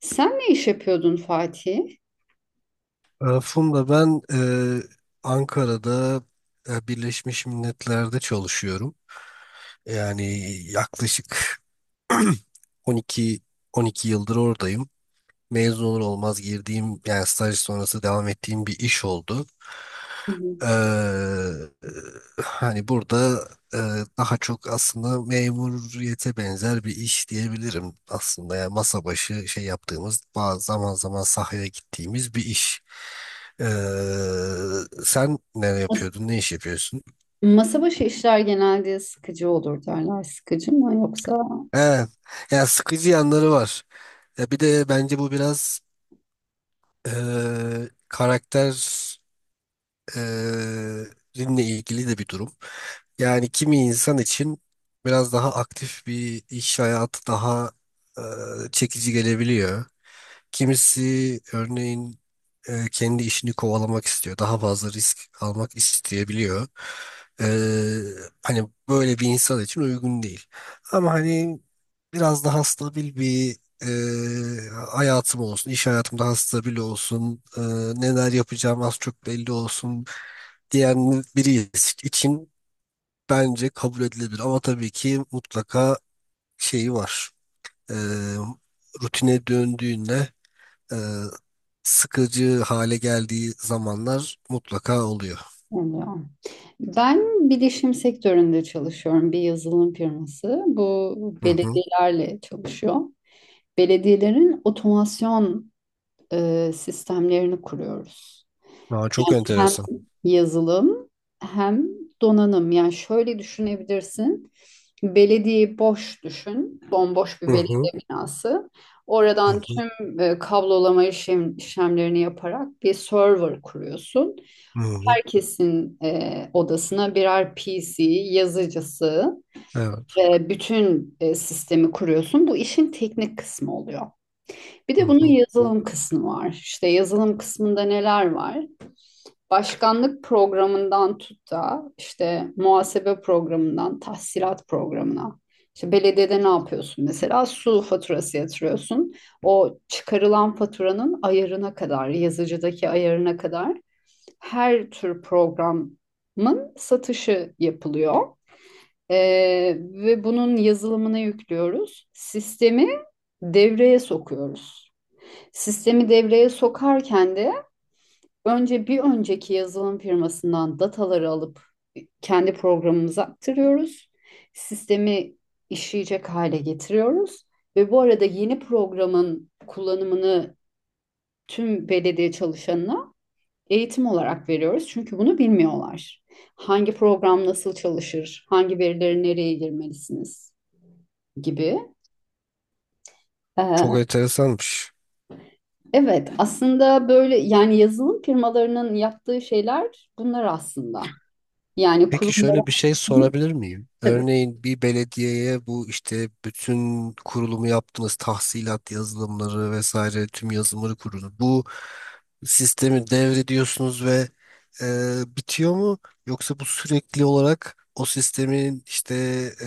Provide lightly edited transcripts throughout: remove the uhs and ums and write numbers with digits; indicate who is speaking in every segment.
Speaker 1: Sen ne iş yapıyordun Fatih?
Speaker 2: Funda, ben Ankara'da, Birleşmiş Milletler'de çalışıyorum. Yani yaklaşık 12 12 yıldır oradayım. Mezun olur olmaz girdiğim, yani staj sonrası devam ettiğim bir iş oldu.
Speaker 1: Hı hı.
Speaker 2: Eee, Hani burada daha çok aslında memuriyete benzer bir iş diyebilirim aslında. Yani masa başı şey yaptığımız, bazı zaman zaman sahaya gittiğimiz bir iş. Sen ne
Speaker 1: Mas-
Speaker 2: yapıyordun, ne iş yapıyorsun?
Speaker 1: Masa başı işler genelde sıkıcı olur derler. Sıkıcı mı yoksa
Speaker 2: He, ya sıkıcı yanları var. Ya bir de bence bu biraz karakter dinle ilgili de bir durum. Yani kimi insan için biraz daha aktif bir iş hayatı daha e, çekici gelebiliyor. Kimisi örneğin kendi işini kovalamak istiyor. Daha fazla risk almak isteyebiliyor. E, Hani böyle bir insan için uygun değil. Ama hani biraz daha stabil bir hayatım olsun, iş hayatım daha stabil olsun, neler yapacağım az çok belli olsun diyen biri için bence kabul edilebilir. Ama tabii ki mutlaka şeyi var. Ee, Rutine döndüğünde e, sıkıcı hale geldiği zamanlar mutlaka oluyor.
Speaker 1: oluyor. Ben bilişim sektöründe çalışıyorum. Bir yazılım firması. Bu
Speaker 2: Hı hı.
Speaker 1: belediyelerle çalışıyor. Belediyelerin otomasyon sistemlerini kuruyoruz.
Speaker 2: Aa, çok
Speaker 1: Hem
Speaker 2: enteresan.
Speaker 1: yazılım hem donanım. Yani şöyle düşünebilirsin. Belediye boş düşün. Bomboş
Speaker 2: Hı
Speaker 1: bir
Speaker 2: hı.
Speaker 1: belediye binası.
Speaker 2: Hı
Speaker 1: Oradan
Speaker 2: hı.
Speaker 1: tüm kablolama işlemlerini yaparak bir server kuruyorsun.
Speaker 2: Hı hı.
Speaker 1: Herkesin odasına birer PC, yazıcısı
Speaker 2: Evet.
Speaker 1: ve bütün sistemi kuruyorsun. Bu işin teknik kısmı oluyor. Bir
Speaker 2: Hı
Speaker 1: de bunun
Speaker 2: hı.
Speaker 1: yazılım kısmı var. İşte yazılım kısmında neler var? Başkanlık programından tut da işte muhasebe programından tahsilat programına. İşte belediyede ne yapıyorsun mesela? Su faturası yatırıyorsun. O çıkarılan faturanın ayarına kadar, yazıcıdaki ayarına kadar her tür programın satışı yapılıyor. Ve bunun yazılımını yüklüyoruz. Sistemi devreye sokuyoruz. Sistemi devreye sokarken de önce bir önceki yazılım firmasından dataları alıp kendi programımıza aktarıyoruz. Sistemi işleyecek hale getiriyoruz ve bu arada yeni programın kullanımını tüm belediye çalışanına eğitim olarak veriyoruz. Çünkü bunu bilmiyorlar. Hangi program nasıl çalışır, hangi verileri nereye girmelisiniz gibi.
Speaker 2: Çok
Speaker 1: Ee,
Speaker 2: enteresanmış.
Speaker 1: evet, aslında böyle yani yazılım firmalarının yaptığı şeyler bunlar aslında. Yani
Speaker 2: Peki
Speaker 1: kurum
Speaker 2: şöyle bir şey sorabilir miyim? Örneğin bir belediyeye bu işte bütün kurulumu yaptığınız tahsilat yazılımları vesaire tüm yazılımları kurulu. Bu sistemi devrediyorsunuz ve bitiyor mu? Yoksa bu sürekli olarak o sistemin işte e,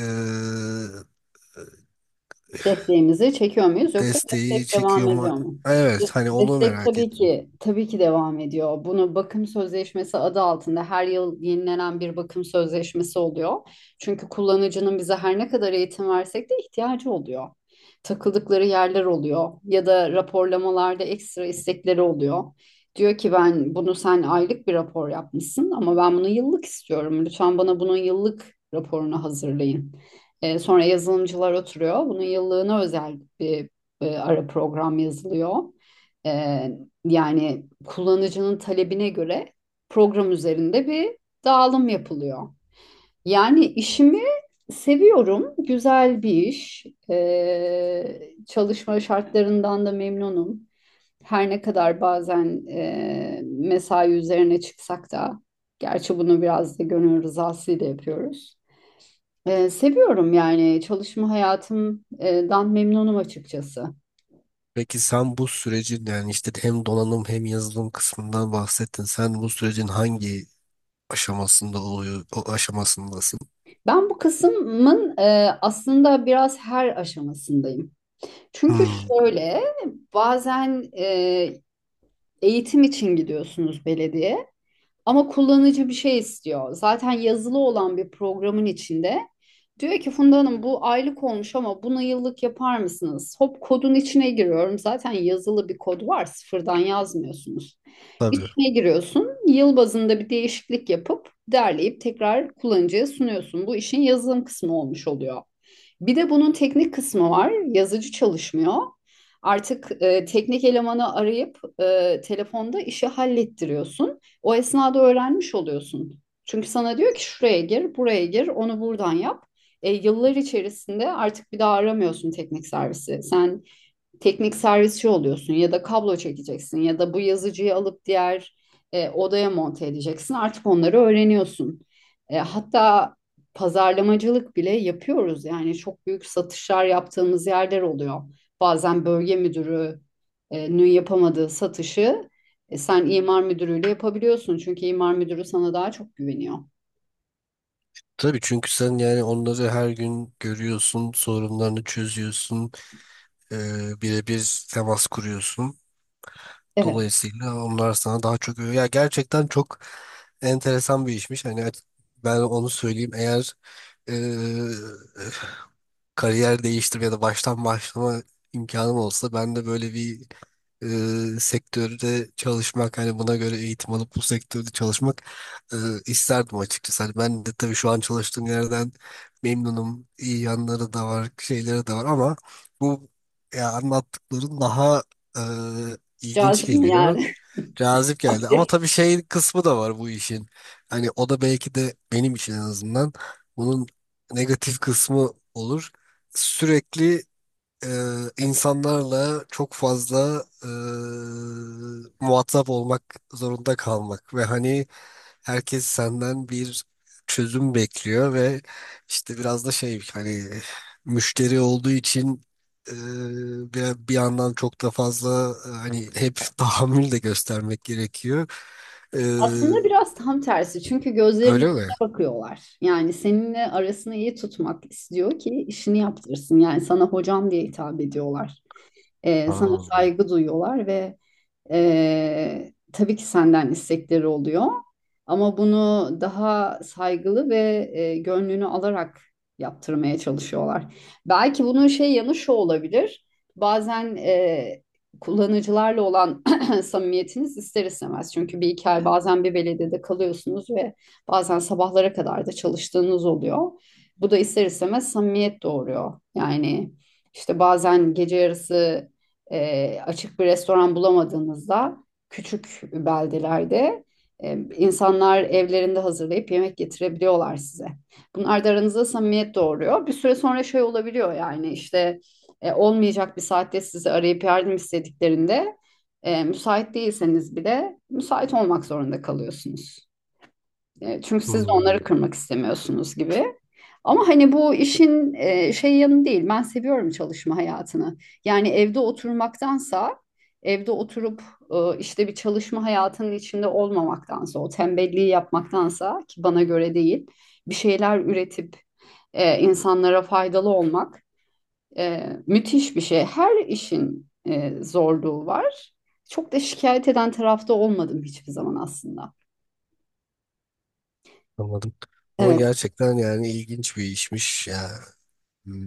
Speaker 1: desteğimizi çekiyor muyuz yoksa
Speaker 2: desteği
Speaker 1: destek devam
Speaker 2: çekiyor mu?
Speaker 1: ediyor mu?
Speaker 2: Evet,
Speaker 1: De-
Speaker 2: hani onu
Speaker 1: Destek
Speaker 2: merak
Speaker 1: tabii
Speaker 2: ettim.
Speaker 1: ki tabii ki devam ediyor. Bunu bakım sözleşmesi adı altında her yıl yenilenen bir bakım sözleşmesi oluyor. Çünkü kullanıcının bize her ne kadar eğitim versek de ihtiyacı oluyor. Takıldıkları yerler oluyor ya da raporlamalarda ekstra istekleri oluyor. Diyor ki ben bunu sen aylık bir rapor yapmışsın ama ben bunu yıllık istiyorum. Lütfen bana bunun yıllık raporunu hazırlayın. Sonra yazılımcılar oturuyor. Bunun yıllığına özel bir ara program yazılıyor. E, yani kullanıcının talebine göre program üzerinde bir dağılım yapılıyor. Yani işimi seviyorum. Güzel bir iş. Çalışma şartlarından da memnunum. Her ne kadar bazen mesai üzerine çıksak da, gerçi bunu biraz da gönül rızasıyla yapıyoruz. Seviyorum yani çalışma hayatımdan memnunum açıkçası.
Speaker 2: Peki sen bu sürecin, yani işte hem donanım hem yazılım kısmından bahsettin. Sen bu sürecin hangi aşamasında oluyor, o aşamasındasın.
Speaker 1: Ben bu kısmın aslında biraz her aşamasındayım. Çünkü
Speaker 2: Hmm,
Speaker 1: şöyle bazen eğitim için gidiyorsunuz belediye ama kullanıcı bir şey istiyor. Zaten yazılı olan bir programın içinde diyor ki Funda Hanım bu aylık olmuş ama bunu yıllık yapar mısınız? Hop kodun içine giriyorum. Zaten yazılı bir kod var sıfırdan yazmıyorsunuz.
Speaker 2: tabii.
Speaker 1: İçine giriyorsun. Yıl bazında bir değişiklik yapıp derleyip tekrar kullanıcıya sunuyorsun. Bu işin yazılım kısmı olmuş oluyor. Bir de bunun teknik kısmı var. Yazıcı çalışmıyor. Artık teknik elemanı arayıp telefonda işi hallettiriyorsun. O esnada öğrenmiş oluyorsun. Çünkü sana diyor ki şuraya gir, buraya gir, onu buradan yap. Yıllar içerisinde artık bir daha aramıyorsun teknik servisi. Sen teknik servisçi oluyorsun ya da kablo çekeceksin ya da bu yazıcıyı alıp diğer odaya monte edeceksin. Artık onları öğreniyorsun. Hatta pazarlamacılık bile yapıyoruz. Yani çok büyük satışlar yaptığımız yerler oluyor. Bazen bölge müdürünün yapamadığı satışı sen imar müdürüyle yapabiliyorsun. Çünkü imar müdürü sana daha çok güveniyor.
Speaker 2: Tabii, çünkü sen yani onları her gün görüyorsun, sorunlarını çözüyorsun, birebir temas kuruyorsun.
Speaker 1: Evet,
Speaker 2: Dolayısıyla onlar sana daha çok, ya gerçekten çok enteresan bir işmiş. Ben onu söyleyeyim, eğer e, kariyer değiştirme ya da baştan başlama imkanım olsa, ben de böyle bir sektörde çalışmak, hani buna göre eğitim alıp bu sektörde çalışmak e, isterdim açıkçası. Hani ben de tabii şu an çalıştığım yerden memnunum. İyi yanları da var, şeyleri de var, ama bu, ya anlattıkların daha e, ilginç
Speaker 1: cazip bir
Speaker 2: geliyor.
Speaker 1: yer.
Speaker 2: Cazip geldi. Ama tabii şey kısmı da var bu işin. Hani o da belki de benim için en azından bunun negatif kısmı olur. Sürekli e, insanlarla çok fazla muhatap olmak zorunda kalmak ve hani herkes senden bir çözüm bekliyor ve işte biraz da şey, hani müşteri olduğu için, e, bir yandan çok da fazla hani hep tahammül de göstermek gerekiyor. E,
Speaker 1: Aslında biraz tam tersi çünkü gözlerinin
Speaker 2: öyle mi?
Speaker 1: içine bakıyorlar. Yani seninle arasını iyi tutmak istiyor ki işini yaptırsın. Yani sana hocam diye hitap ediyorlar. Sana
Speaker 2: Ha.
Speaker 1: saygı duyuyorlar ve tabii ki senden istekleri oluyor ama bunu daha saygılı ve gönlünü alarak yaptırmaya çalışıyorlar. Belki bunun şey yanı şu olabilir. Bazen kullanıcılarla olan samimiyetiniz ister istemez. Çünkü bir iki ay bazen bir belediyede kalıyorsunuz ve bazen sabahlara kadar da çalıştığınız oluyor. Bu da ister istemez samimiyet doğuruyor. Yani işte bazen gece yarısı açık bir restoran bulamadığınızda küçük beldelerde insanlar evlerinde hazırlayıp yemek getirebiliyorlar size. Bunlar da aranızda samimiyet doğuruyor. Bir süre sonra şey olabiliyor yani işte olmayacak bir saatte sizi arayıp yardım istediklerinde müsait değilseniz bile müsait olmak zorunda kalıyorsunuz. Çünkü siz de onları
Speaker 2: Hmm,
Speaker 1: kırmak istemiyorsunuz gibi. Ama hani bu işin şey yanı değil. Ben seviyorum çalışma hayatını. Yani evde oturmaktansa evde oturup işte bir çalışma hayatının içinde olmamaktansa o tembelliği yapmaktansa ki bana göre değil bir şeyler üretip insanlara faydalı olmak müthiş bir şey. Her işin zorluğu var. Çok da şikayet eden tarafta olmadım hiçbir zaman aslında.
Speaker 2: anladım. Ama
Speaker 1: Evet,
Speaker 2: gerçekten yani ilginç bir işmiş ya. Hmm.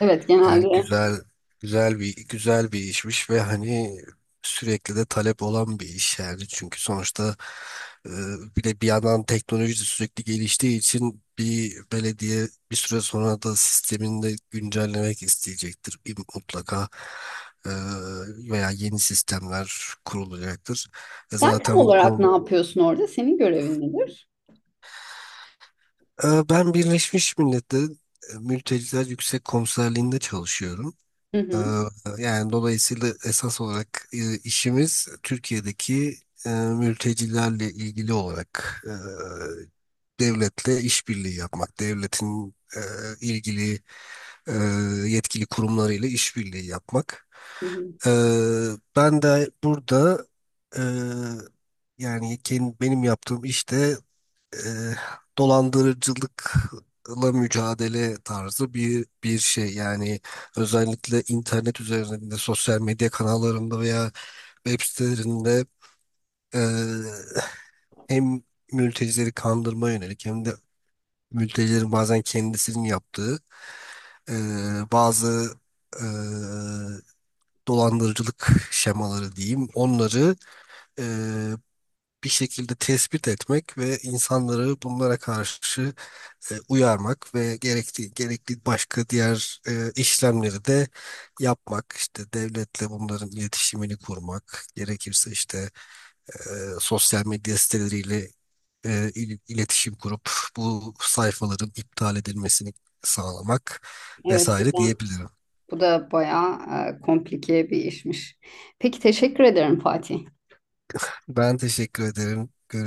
Speaker 1: evet
Speaker 2: Yani
Speaker 1: genelde
Speaker 2: güzel, güzel bir işmiş ve hani sürekli de talep olan bir iş, yani çünkü sonuçta e, bir de bir yandan teknoloji de sürekli geliştiği için, bir belediye bir süre sonra da sistemini de güncellemek isteyecektir. Bir mutlaka. E, veya yeni sistemler kurulacaktır. E,
Speaker 1: sen tam
Speaker 2: zaten bu
Speaker 1: olarak ne
Speaker 2: konu,
Speaker 1: yapıyorsun orada? Senin görevin nedir?
Speaker 2: ben Birleşmiş Milletler'in Mülteciler Yüksek Komiserliği'nde çalışıyorum.
Speaker 1: Hı
Speaker 2: Ee,
Speaker 1: hı.
Speaker 2: Yani dolayısıyla esas olarak işimiz Türkiye'deki mültecilerle ilgili olarak, devletle işbirliği yapmak, devletin ilgili e, yetkili kurumlarıyla işbirliği yapmak.
Speaker 1: Hı hı.
Speaker 2: E, Ben de burada, e, yani benim yaptığım işte e, dolandırıcılıkla mücadele tarzı bir şey. Yani özellikle internet üzerinde, sosyal medya kanallarında veya web sitelerinde e, hem mültecileri kandırma yönelik, hem de mültecilerin bazen kendisinin yaptığı e, bazı e, dolandırıcılık şemaları diyeyim. Onları e, bir şekilde tespit etmek ve insanları bunlara karşı uyarmak ve gerekli başka diğer işlemleri de yapmak. İşte devletle bunların iletişimini kurmak. Gerekirse işte e, sosyal medya siteleriyle iletişim kurup bu sayfaların iptal edilmesini sağlamak
Speaker 1: Evet, bu
Speaker 2: vesaire
Speaker 1: da,
Speaker 2: diyebilirim.
Speaker 1: bu da bayağı komplike bir işmiş. Peki teşekkür ederim Fatih.
Speaker 2: Ben teşekkür ederim.